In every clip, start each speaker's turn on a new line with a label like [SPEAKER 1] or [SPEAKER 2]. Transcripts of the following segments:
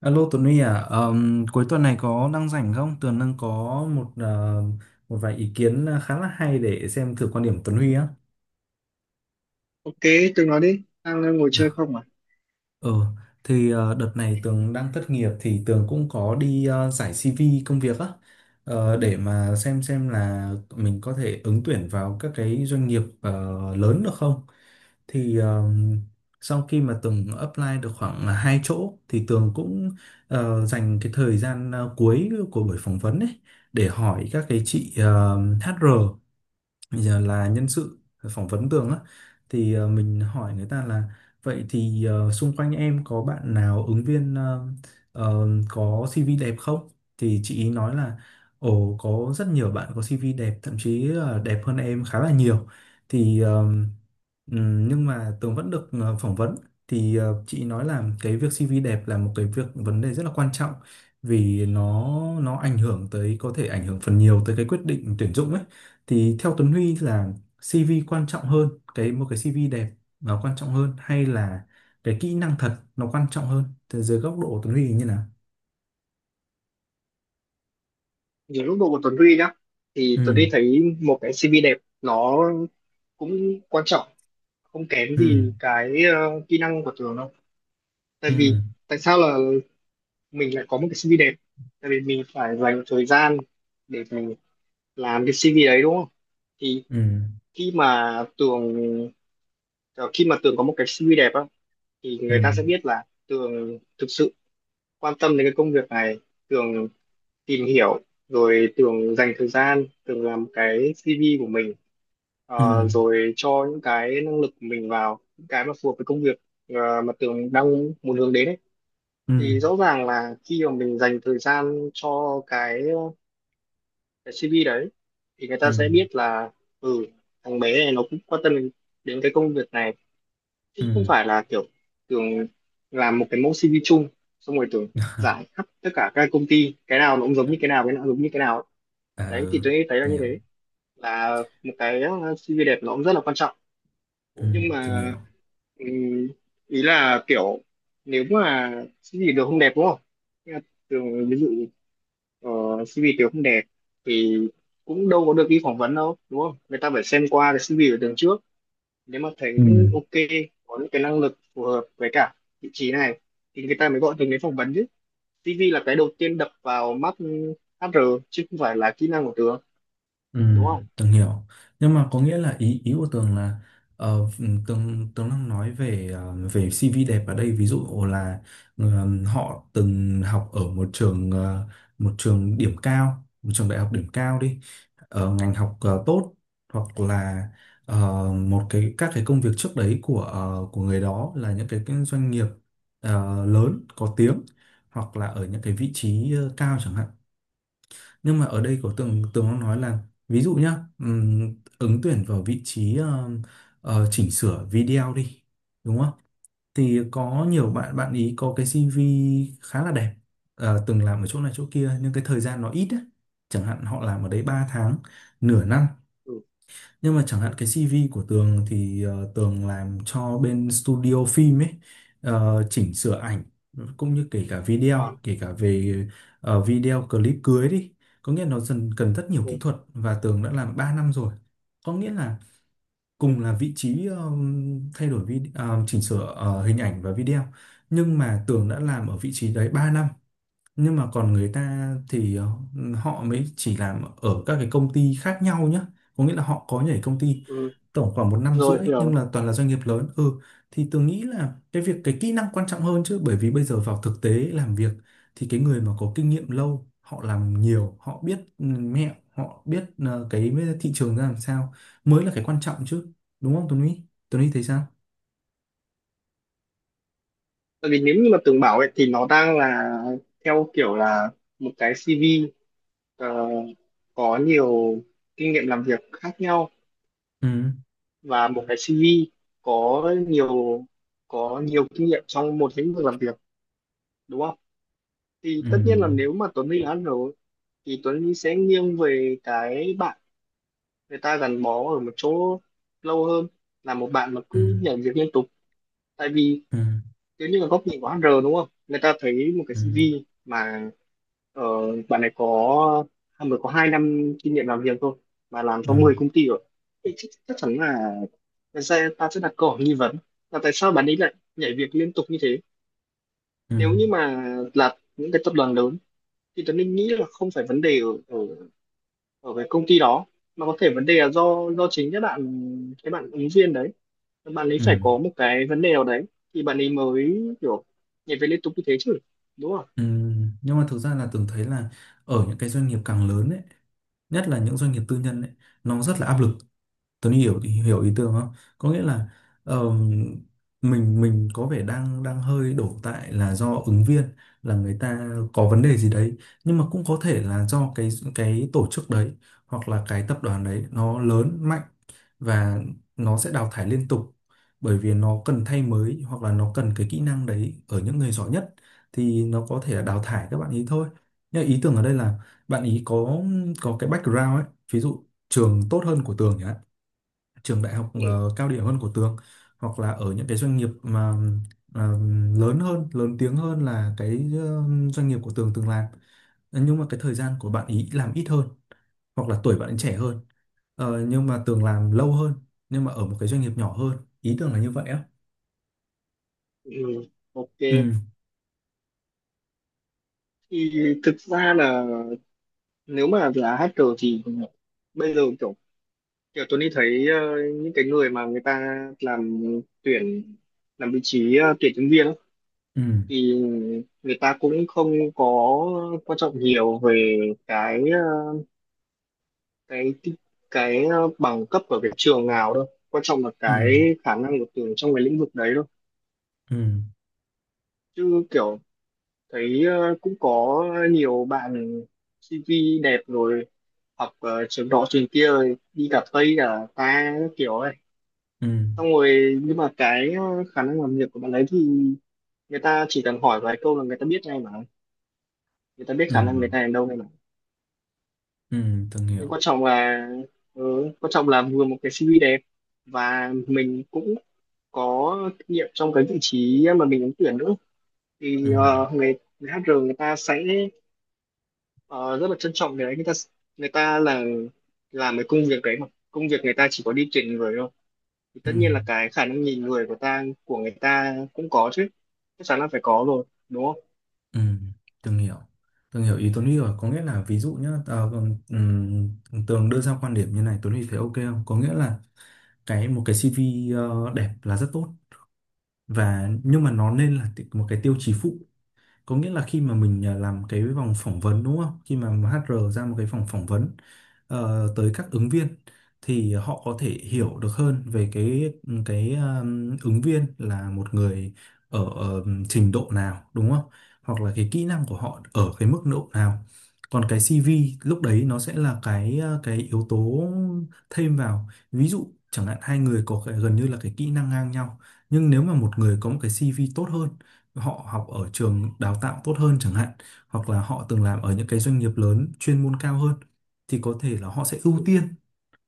[SPEAKER 1] Alo Tuấn Huy à, cuối tuần này có đang rảnh không? Tường đang có một một vài ý kiến khá là hay để xem thử quan điểm Tuấn Huy á.
[SPEAKER 2] Ok, tôi nói đi, đang ngồi chơi không à?
[SPEAKER 1] Ừ, đợt này Tường đang thất nghiệp thì Tường cũng có đi giải CV công việc á, để mà xem là mình có thể ứng tuyển vào các cái doanh nghiệp lớn được không. Thì ờ, sau khi mà Tường apply được khoảng là hai chỗ thì Tường cũng dành cái thời gian cuối của buổi phỏng vấn ấy để hỏi các cái chị HR, giờ là nhân sự phỏng vấn tường á, thì mình hỏi người ta là vậy thì xung quanh em có bạn nào ứng viên có CV đẹp không, thì chị ý nói là ồ có rất nhiều bạn có CV đẹp thậm chí là đẹp hơn em khá là nhiều. Thì Ừ, nhưng mà Tường vẫn được phỏng vấn, thì chị nói là cái việc CV đẹp là một cái việc vấn đề rất là quan trọng vì nó ảnh hưởng tới, có thể ảnh hưởng phần nhiều tới cái quyết định tuyển dụng ấy. Thì theo Tuấn Huy là CV quan trọng hơn, cái một cái CV đẹp nó quan trọng hơn hay là cái kỹ năng thật nó quan trọng hơn, từ dưới góc độ của Tuấn Huy thì như nào?
[SPEAKER 2] Nhiều lúc độ của Tuấn Huy nhá, thì Tuấn
[SPEAKER 1] Ừ.
[SPEAKER 2] Huy thấy một cái CV đẹp nó cũng quan trọng, không kém
[SPEAKER 1] Ừ.
[SPEAKER 2] gì cái kỹ năng của Tường đâu. Tại vì
[SPEAKER 1] Ừ.
[SPEAKER 2] Tại sao là mình lại có một cái CV đẹp? Tại vì mình phải dành một thời gian để mình làm cái CV đấy đúng không? Thì
[SPEAKER 1] Ừ.
[SPEAKER 2] khi mà Tường ờ, khi mà Tường có một cái CV đẹp á, thì
[SPEAKER 1] Ừ.
[SPEAKER 2] người ta sẽ biết là Tường thực sự quan tâm đến cái công việc này, Tường tìm hiểu rồi Tường dành thời gian Tường làm cái CV của mình,
[SPEAKER 1] Ừ.
[SPEAKER 2] rồi cho những cái năng lực của mình vào những cái mà phù hợp với công việc mà Tường đang muốn hướng đến ấy.
[SPEAKER 1] Ừ. Ừ.
[SPEAKER 2] Thì rõ ràng là khi mà mình dành thời gian cho cái CV đấy thì người
[SPEAKER 1] Ừ.
[SPEAKER 2] ta sẽ biết là ừ thằng bé này nó cũng quan tâm đến đến cái công việc này, chứ không
[SPEAKER 1] Ừ.
[SPEAKER 2] phải là kiểu Tường làm một cái mẫu CV chung xong rồi Tường giải khắp tất cả các công ty, cái nào nó cũng giống như cái nào, cái nào cũng giống như cái nào ấy.
[SPEAKER 1] À,
[SPEAKER 2] Đấy
[SPEAKER 1] ừ.
[SPEAKER 2] thì tôi nghĩ thấy là
[SPEAKER 1] Tôi
[SPEAKER 2] như
[SPEAKER 1] hiểu.
[SPEAKER 2] thế, là một cái CV đẹp nó cũng rất là quan trọng,
[SPEAKER 1] Ừ,
[SPEAKER 2] nhưng
[SPEAKER 1] Tường
[SPEAKER 2] mà
[SPEAKER 1] hiểu.
[SPEAKER 2] ừm, ý là kiểu nếu mà CV được không đẹp đúng không? Nhưng mà thường ví dụ CV Tường không đẹp thì cũng đâu có được đi phỏng vấn đâu, đúng không? Người ta phải xem qua cái CV của Tường trước, nếu mà thấy
[SPEAKER 1] Ừ.
[SPEAKER 2] ok có những cái năng lực phù hợp với cả vị trí này thì người ta mới gọi Tường đến phỏng vấn chứ. CV là cái đầu tiên đập vào mắt HR chứ không phải là kỹ năng của Tường,
[SPEAKER 1] Ừ,
[SPEAKER 2] đúng không?
[SPEAKER 1] Tường hiểu. Nhưng mà có nghĩa là ý ý của Tường là Tường Tường đang nói về về CV đẹp ở đây, ví dụ là họ từng học ở một trường một trường điểm cao, một trường đại học điểm cao đi, ở ngành học tốt, hoặc là ờ, một cái các cái công việc trước đấy của của người đó là những cái doanh nghiệp ờ, lớn có tiếng, hoặc là ở những cái vị trí cao chẳng hạn. Nhưng mà ở đây có tường tường nó nói là ví dụ nhá, ứng tuyển vào vị trí chỉnh sửa video đi, đúng không, thì có nhiều bạn, bạn ý có cái CV khá là đẹp, từng làm ở chỗ này chỗ kia nhưng cái thời gian nó ít á, chẳng hạn họ làm ở đấy 3 tháng, nửa năm.
[SPEAKER 2] Ừ,
[SPEAKER 1] Nhưng mà chẳng
[SPEAKER 2] ừ.
[SPEAKER 1] hạn cái CV của Tường thì Tường làm cho bên studio phim ấy, chỉnh sửa ảnh cũng như kể cả
[SPEAKER 2] Ờ,
[SPEAKER 1] video, kể cả về video clip cưới đi. Có nghĩa là nó dần cần rất nhiều kỹ thuật và Tường đã làm 3 năm rồi. Có nghĩa là cùng là vị trí thay đổi vi ờ, chỉnh sửa hình ảnh và video, nhưng mà Tường đã làm ở vị trí đấy 3 năm, nhưng mà còn người ta thì họ mới chỉ làm ở các cái công ty khác nhau nhá, có nghĩa là họ có nhảy công ty
[SPEAKER 2] ừ,
[SPEAKER 1] tổng khoảng một năm
[SPEAKER 2] rồi
[SPEAKER 1] rưỡi nhưng
[SPEAKER 2] hiểu.
[SPEAKER 1] là toàn là doanh nghiệp lớn. Ừ, thì tôi nghĩ là cái việc cái kỹ năng quan trọng hơn chứ, bởi vì bây giờ vào thực tế làm việc thì cái người mà có kinh nghiệm lâu họ làm nhiều, họ biết mẹo, họ biết cái thị trường ra làm sao mới là cái quan trọng chứ, đúng không Tuấn Huy? Tuấn Huy thấy sao?
[SPEAKER 2] Tại vì nếu như mà tường bảo ấy thì nó đang là theo kiểu là một cái CV ờ, có nhiều kinh nghiệm làm việc khác nhau,
[SPEAKER 1] Ừ.
[SPEAKER 2] và một cái CV có nhiều có nhiều kinh nghiệm trong một lĩnh vực làm việc, đúng không? Thì tất nhiên là
[SPEAKER 1] Ừ.
[SPEAKER 2] nếu mà Tuấn Huy đã ăn rồi thì Tuấn Huy sẽ nghiêng về cái bạn người ta gắn bó ở một chỗ lâu hơn là một bạn mà
[SPEAKER 1] Ừ.
[SPEAKER 2] cứ nhảy việc liên tục. Tại vì
[SPEAKER 1] Ừ.
[SPEAKER 2] nếu như là góc nhìn của HR đúng không? Người ta thấy một cái
[SPEAKER 1] Ừ.
[SPEAKER 2] CV mà Ờ, bạn này có mới có 2 năm kinh nghiệm làm việc thôi mà làm cho
[SPEAKER 1] Ừ.
[SPEAKER 2] 10 công ty rồi. Thế chắc chắn ta sẽ đặt câu hỏi nghi vấn là tại sao bạn ấy lại nhảy việc liên tục như thế. Nếu như mà là những cái tập đoàn lớn thì Tuấn Linh nghĩ là không phải vấn đề ở ở cái công ty đó, mà có thể vấn đề là do chính các bạn cái bạn ứng viên đấy, bạn ấy
[SPEAKER 1] Ừ.
[SPEAKER 2] phải có một cái vấn đề nào đấy thì bạn ấy mới kiểu nhảy việc liên tục như thế chứ, đúng không?
[SPEAKER 1] Ừ, nhưng mà thực ra là tưởng thấy là ở những cái doanh nghiệp càng lớn ấy, nhất là những doanh nghiệp tư nhân ấy, nó rất là áp lực. Tuấn hiểu hiểu ý tưởng không? Có nghĩa là ờm, mình có vẻ đang đang hơi đổ tại là do ứng viên, là người ta có vấn đề gì đấy, nhưng mà cũng có thể là do cái tổ chức đấy hoặc là cái tập đoàn đấy nó lớn mạnh và nó sẽ đào thải liên tục, bởi vì nó cần thay mới hoặc là nó cần cái kỹ năng đấy ở những người giỏi nhất, thì nó có thể là đào thải các bạn ý thôi. Nhưng mà ý tưởng ở đây là bạn ý có cái background ấy, ví dụ trường tốt hơn của Tường nhỉ? Trường đại học
[SPEAKER 2] Ừ.
[SPEAKER 1] cao điểm hơn của Tường, hoặc là ở những cái doanh nghiệp mà ờ, lớn hơn, lớn tiếng hơn là cái doanh nghiệp của Tường từng làm. Nhưng mà cái thời gian của bạn ý làm ít hơn hoặc là tuổi bạn ấy trẻ hơn. Ờ, nhưng mà Tường làm lâu hơn nhưng mà ở một cái doanh nghiệp nhỏ hơn. Ý Tường là như vậy á.
[SPEAKER 2] Ừ. Ok,
[SPEAKER 1] Ừ.
[SPEAKER 2] thì thực ra là nếu mà là hacker thì bây giờ kiểu kiểu tôi đi thấy những cái người mà người ta làm tuyển làm vị trí tuyển nhân viên ấy,
[SPEAKER 1] Ừ.
[SPEAKER 2] thì người ta cũng không có quan trọng nhiều về cái cái bằng cấp ở cái trường nào đâu, quan trọng là
[SPEAKER 1] Ừ.
[SPEAKER 2] cái khả năng của Tường trong cái lĩnh vực đấy thôi.
[SPEAKER 1] Ừ.
[SPEAKER 2] Chứ kiểu thấy cũng có nhiều bạn CV đẹp rồi, học trường đó trường kia rồi đi cả Tây cả ta các kiểu ấy,
[SPEAKER 1] Ừ.
[SPEAKER 2] xong rồi nhưng mà cái khả năng làm việc của bạn ấy thì người ta chỉ cần hỏi vài câu là người ta biết ngay mà, người ta biết
[SPEAKER 1] Ừ.
[SPEAKER 2] khả năng người
[SPEAKER 1] Ừ.
[SPEAKER 2] ta ở đâu ngay mà.
[SPEAKER 1] Ừ, Tường
[SPEAKER 2] Nhưng
[SPEAKER 1] hiểu.
[SPEAKER 2] quan trọng là, quan trọng là vừa một cái CV đẹp và mình cũng có kinh nghiệm trong cái vị trí mà mình ứng tuyển nữa,
[SPEAKER 1] Ừ.
[SPEAKER 2] thì người HR người ta sẽ ờ, rất là trân trọng cái đấy. Người ta là làm cái công việc đấy mà, công việc người ta chỉ có đi tuyển người thôi, thì
[SPEAKER 1] Ừ.
[SPEAKER 2] tất nhiên là cái khả năng nhìn người của người ta cũng có chứ, chắc chắn là phải có rồi đúng không.
[SPEAKER 1] Ừ, Tường hiểu. Tường hiểu ý Tuấn Huy rồi, có nghĩa là ví dụ nhá, Tường đưa ra quan điểm như này Tuấn Huy thấy ok không. Có nghĩa là cái một cái CV đẹp là rất tốt, và nhưng mà nó nên là một cái tiêu chí phụ. Có nghĩa là khi mà mình làm cái vòng phỏng vấn đúng không, khi mà HR ra một cái vòng phỏng vấn tới các ứng viên thì họ có thể hiểu được hơn về cái cái ứng viên là một người ở, ở trình độ nào đúng không, hoặc là cái kỹ năng của họ ở cái mức độ nào. Còn cái CV lúc đấy nó sẽ là cái cái yếu tố thêm vào, ví dụ chẳng hạn hai người có cái, gần như là cái kỹ năng ngang nhau, nhưng nếu mà một người có một cái CV tốt hơn, họ học ở trường đào tạo tốt hơn chẳng hạn, hoặc là họ từng làm ở những cái doanh nghiệp lớn chuyên môn cao hơn, thì có thể là họ sẽ ưu tiên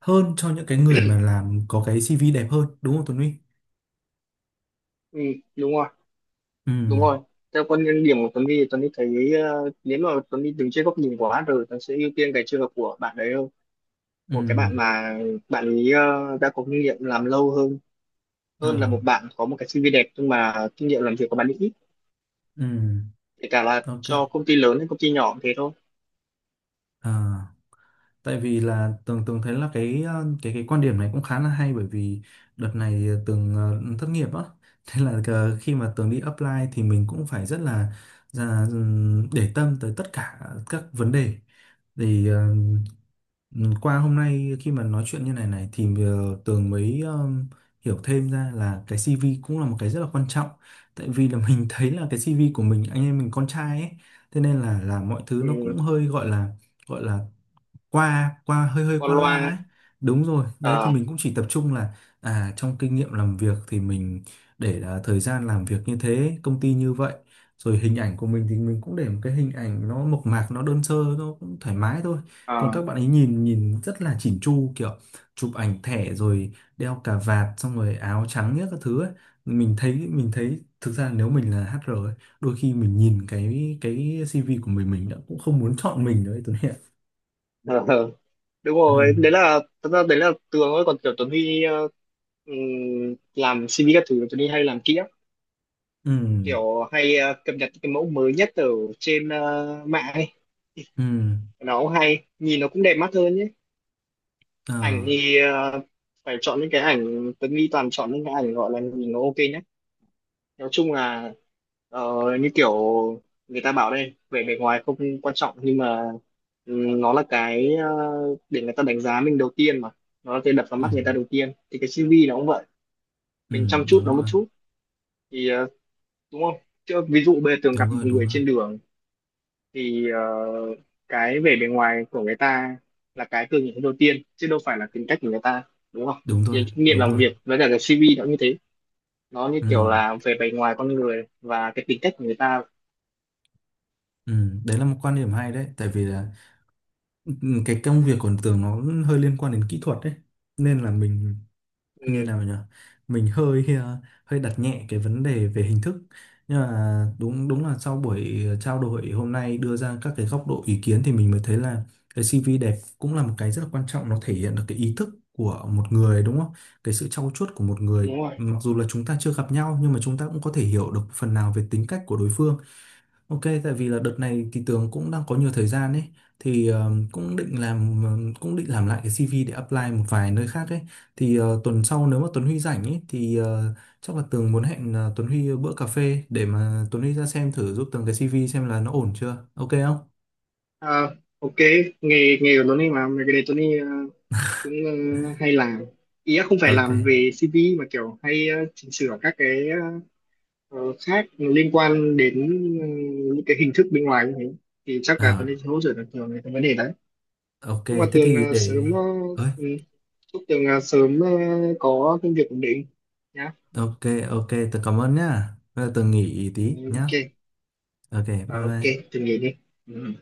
[SPEAKER 1] hơn cho những cái người mà làm có cái CV đẹp hơn, đúng không Tuấn Huy?
[SPEAKER 2] Ừ, đúng rồi,
[SPEAKER 1] Ừ.
[SPEAKER 2] đúng rồi. Theo quan điểm của Tuấn thì Tuấn đi thấy nếu mà Tuấn đi đứng trên góc nhìn của HR, Tuấn sẽ ưu tiên cái trường hợp của bạn đấy hơn,
[SPEAKER 1] Ừ.
[SPEAKER 2] của cái bạn mà bạn ấy đã có kinh nghiệm làm lâu hơn, hơn là
[SPEAKER 1] À.
[SPEAKER 2] một bạn có một cái CV đẹp nhưng mà kinh nghiệm làm việc của bạn ấy ít,
[SPEAKER 1] Ừ.
[SPEAKER 2] kể cả là
[SPEAKER 1] Ok.
[SPEAKER 2] cho công ty lớn hay công ty nhỏ cũng thế thôi.
[SPEAKER 1] À. Tại vì là tường tường thấy là cái cái quan điểm này cũng khá là hay, bởi vì đợt này thì tường thất nghiệp á, thế là khi mà tường đi apply thì mình cũng phải rất là, để tâm tới tất cả các vấn đề. Thì qua hôm nay khi mà nói chuyện như này này, thì Tường mới hiểu thêm ra là cái CV cũng là một cái rất là quan trọng, tại vì là mình thấy là cái CV của mình anh em mình con trai ấy, thế nên là mọi thứ nó cũng
[SPEAKER 2] Ừ,
[SPEAKER 1] hơi gọi là, gọi là qua qua hơi hơi
[SPEAKER 2] con
[SPEAKER 1] qua
[SPEAKER 2] loa.
[SPEAKER 1] loa ấy. Đúng rồi, đấy thì
[SPEAKER 2] Ờ.
[SPEAKER 1] mình cũng chỉ tập trung là à trong kinh nghiệm làm việc thì mình để thời gian làm việc như thế công ty như vậy, rồi hình ảnh của mình thì mình cũng để một cái hình ảnh nó mộc mạc nó đơn sơ nó cũng thoải mái thôi, còn
[SPEAKER 2] Ờ.
[SPEAKER 1] các bạn ấy nhìn nhìn rất là chỉn chu, kiểu chụp ảnh thẻ rồi đeo cà vạt xong rồi áo trắng nhất các thứ ấy. Mình thấy thực ra nếu mình là HR ấy, đôi khi mình nhìn cái CV của mình đã cũng không muốn chọn mình đấy tôi nghĩ ạ.
[SPEAKER 2] Ờ. Ờ. Đúng
[SPEAKER 1] Ừ.
[SPEAKER 2] rồi, đấy là thật ra đấy là tường thôi, còn kiểu Tuấn Huy làm CV các thứ tôi đi hay làm kỹ lắm,
[SPEAKER 1] Ừ.
[SPEAKER 2] kiểu hay cập nhật cái mẫu mới nhất ở trên mạng ấy.
[SPEAKER 1] Ừ.
[SPEAKER 2] Nó cũng hay nhìn nó cũng đẹp mắt hơn nhé.
[SPEAKER 1] Ờ.
[SPEAKER 2] Ảnh thì phải chọn những cái ảnh, tôi nghĩ toàn chọn những cái ảnh gọi là nhìn nó ok nhất. Nói chung là ờ, như kiểu người ta bảo đây vẻ bề ngoài không quan trọng nhưng mà nó là cái để người ta đánh giá mình đầu tiên mà, nó là cái đập vào
[SPEAKER 1] Ừ.
[SPEAKER 2] mắt người ta đầu tiên thì cái CV nó cũng vậy,
[SPEAKER 1] Ừ.
[SPEAKER 2] mình chăm chút
[SPEAKER 1] Đúng
[SPEAKER 2] nó một
[SPEAKER 1] rồi.
[SPEAKER 2] chút thì đúng không? Chứ ví dụ bây giờ Tường
[SPEAKER 1] Đúng
[SPEAKER 2] gặp một
[SPEAKER 1] rồi. Đúng
[SPEAKER 2] người
[SPEAKER 1] rồi.
[SPEAKER 2] trên đường thì cái vẻ bề ngoài của người ta là cái Tường nhìn thấy đầu tiên chứ đâu phải là tính cách của người ta, đúng không?
[SPEAKER 1] Đúng rồi.
[SPEAKER 2] Thì kinh nghiệm
[SPEAKER 1] Đúng
[SPEAKER 2] làm
[SPEAKER 1] rồi.
[SPEAKER 2] việc với cả cái CV nó như thế, nó như
[SPEAKER 1] Ừ.
[SPEAKER 2] kiểu là về bề ngoài con người và cái tính cách của người ta.
[SPEAKER 1] Ừ. Đấy là một quan điểm hay đấy, tại vì là ừ, cái công việc của tường nó hơi liên quan đến kỹ thuật đấy nên là mình, như
[SPEAKER 2] Ừ,
[SPEAKER 1] nào nhỉ, mình hơi hơi đặt nhẹ cái vấn đề về hình thức. Nhưng mà đúng đúng là sau buổi trao đổi hôm nay đưa ra các cái góc độ ý kiến thì mình mới thấy là cái CV đẹp cũng là một cái rất là quan trọng, nó thể hiện được cái ý thức của một người đúng không, cái sự trau chuốt của một người,
[SPEAKER 2] đúng rồi.
[SPEAKER 1] mặc dù là chúng ta chưa gặp nhau nhưng mà chúng ta cũng có thể hiểu được phần nào về tính cách của đối phương. Ok, tại vì là đợt này thì Tường cũng đang có nhiều thời gian ấy, thì cũng định làm, cũng định làm lại cái CV để apply một vài nơi khác ấy. Thì tuần sau nếu mà Tuấn Huy rảnh ấy thì chắc là Tường muốn hẹn Tuấn Huy bữa cà phê để mà Tuấn Huy ra xem thử giúp Tường cái CV xem là nó ổn chưa. Ok không?
[SPEAKER 2] Ờ, ok, nghề nghề của Tony mà mấy cái đấy Tony cũng hay làm, ý là không phải
[SPEAKER 1] Ok.
[SPEAKER 2] làm về CV mà kiểu hay chỉnh sửa các cái Ờ, khác liên quan đến, ừ, những cái hình thức bên ngoài như thế, thì chắc là tôi
[SPEAKER 1] À,
[SPEAKER 2] nên hỗ trợ được nhiều về cái vấn đề đấy.
[SPEAKER 1] ok,
[SPEAKER 2] chúc là
[SPEAKER 1] thế
[SPEAKER 2] tường
[SPEAKER 1] thì
[SPEAKER 2] ờ,
[SPEAKER 1] để,
[SPEAKER 2] sớm ờ,
[SPEAKER 1] ơi,
[SPEAKER 2] ừ, Chúc tường sớm có công việc ổn định nhá.
[SPEAKER 1] ok. Ok, Tường cảm ơn nhá. Bây giờ Tường nghỉ tí
[SPEAKER 2] Ừ,
[SPEAKER 1] nhá.
[SPEAKER 2] ok.
[SPEAKER 1] Ok,
[SPEAKER 2] Ờ,
[SPEAKER 1] bye
[SPEAKER 2] ok,
[SPEAKER 1] bye.
[SPEAKER 2] tường nghỉ đi. Ừ.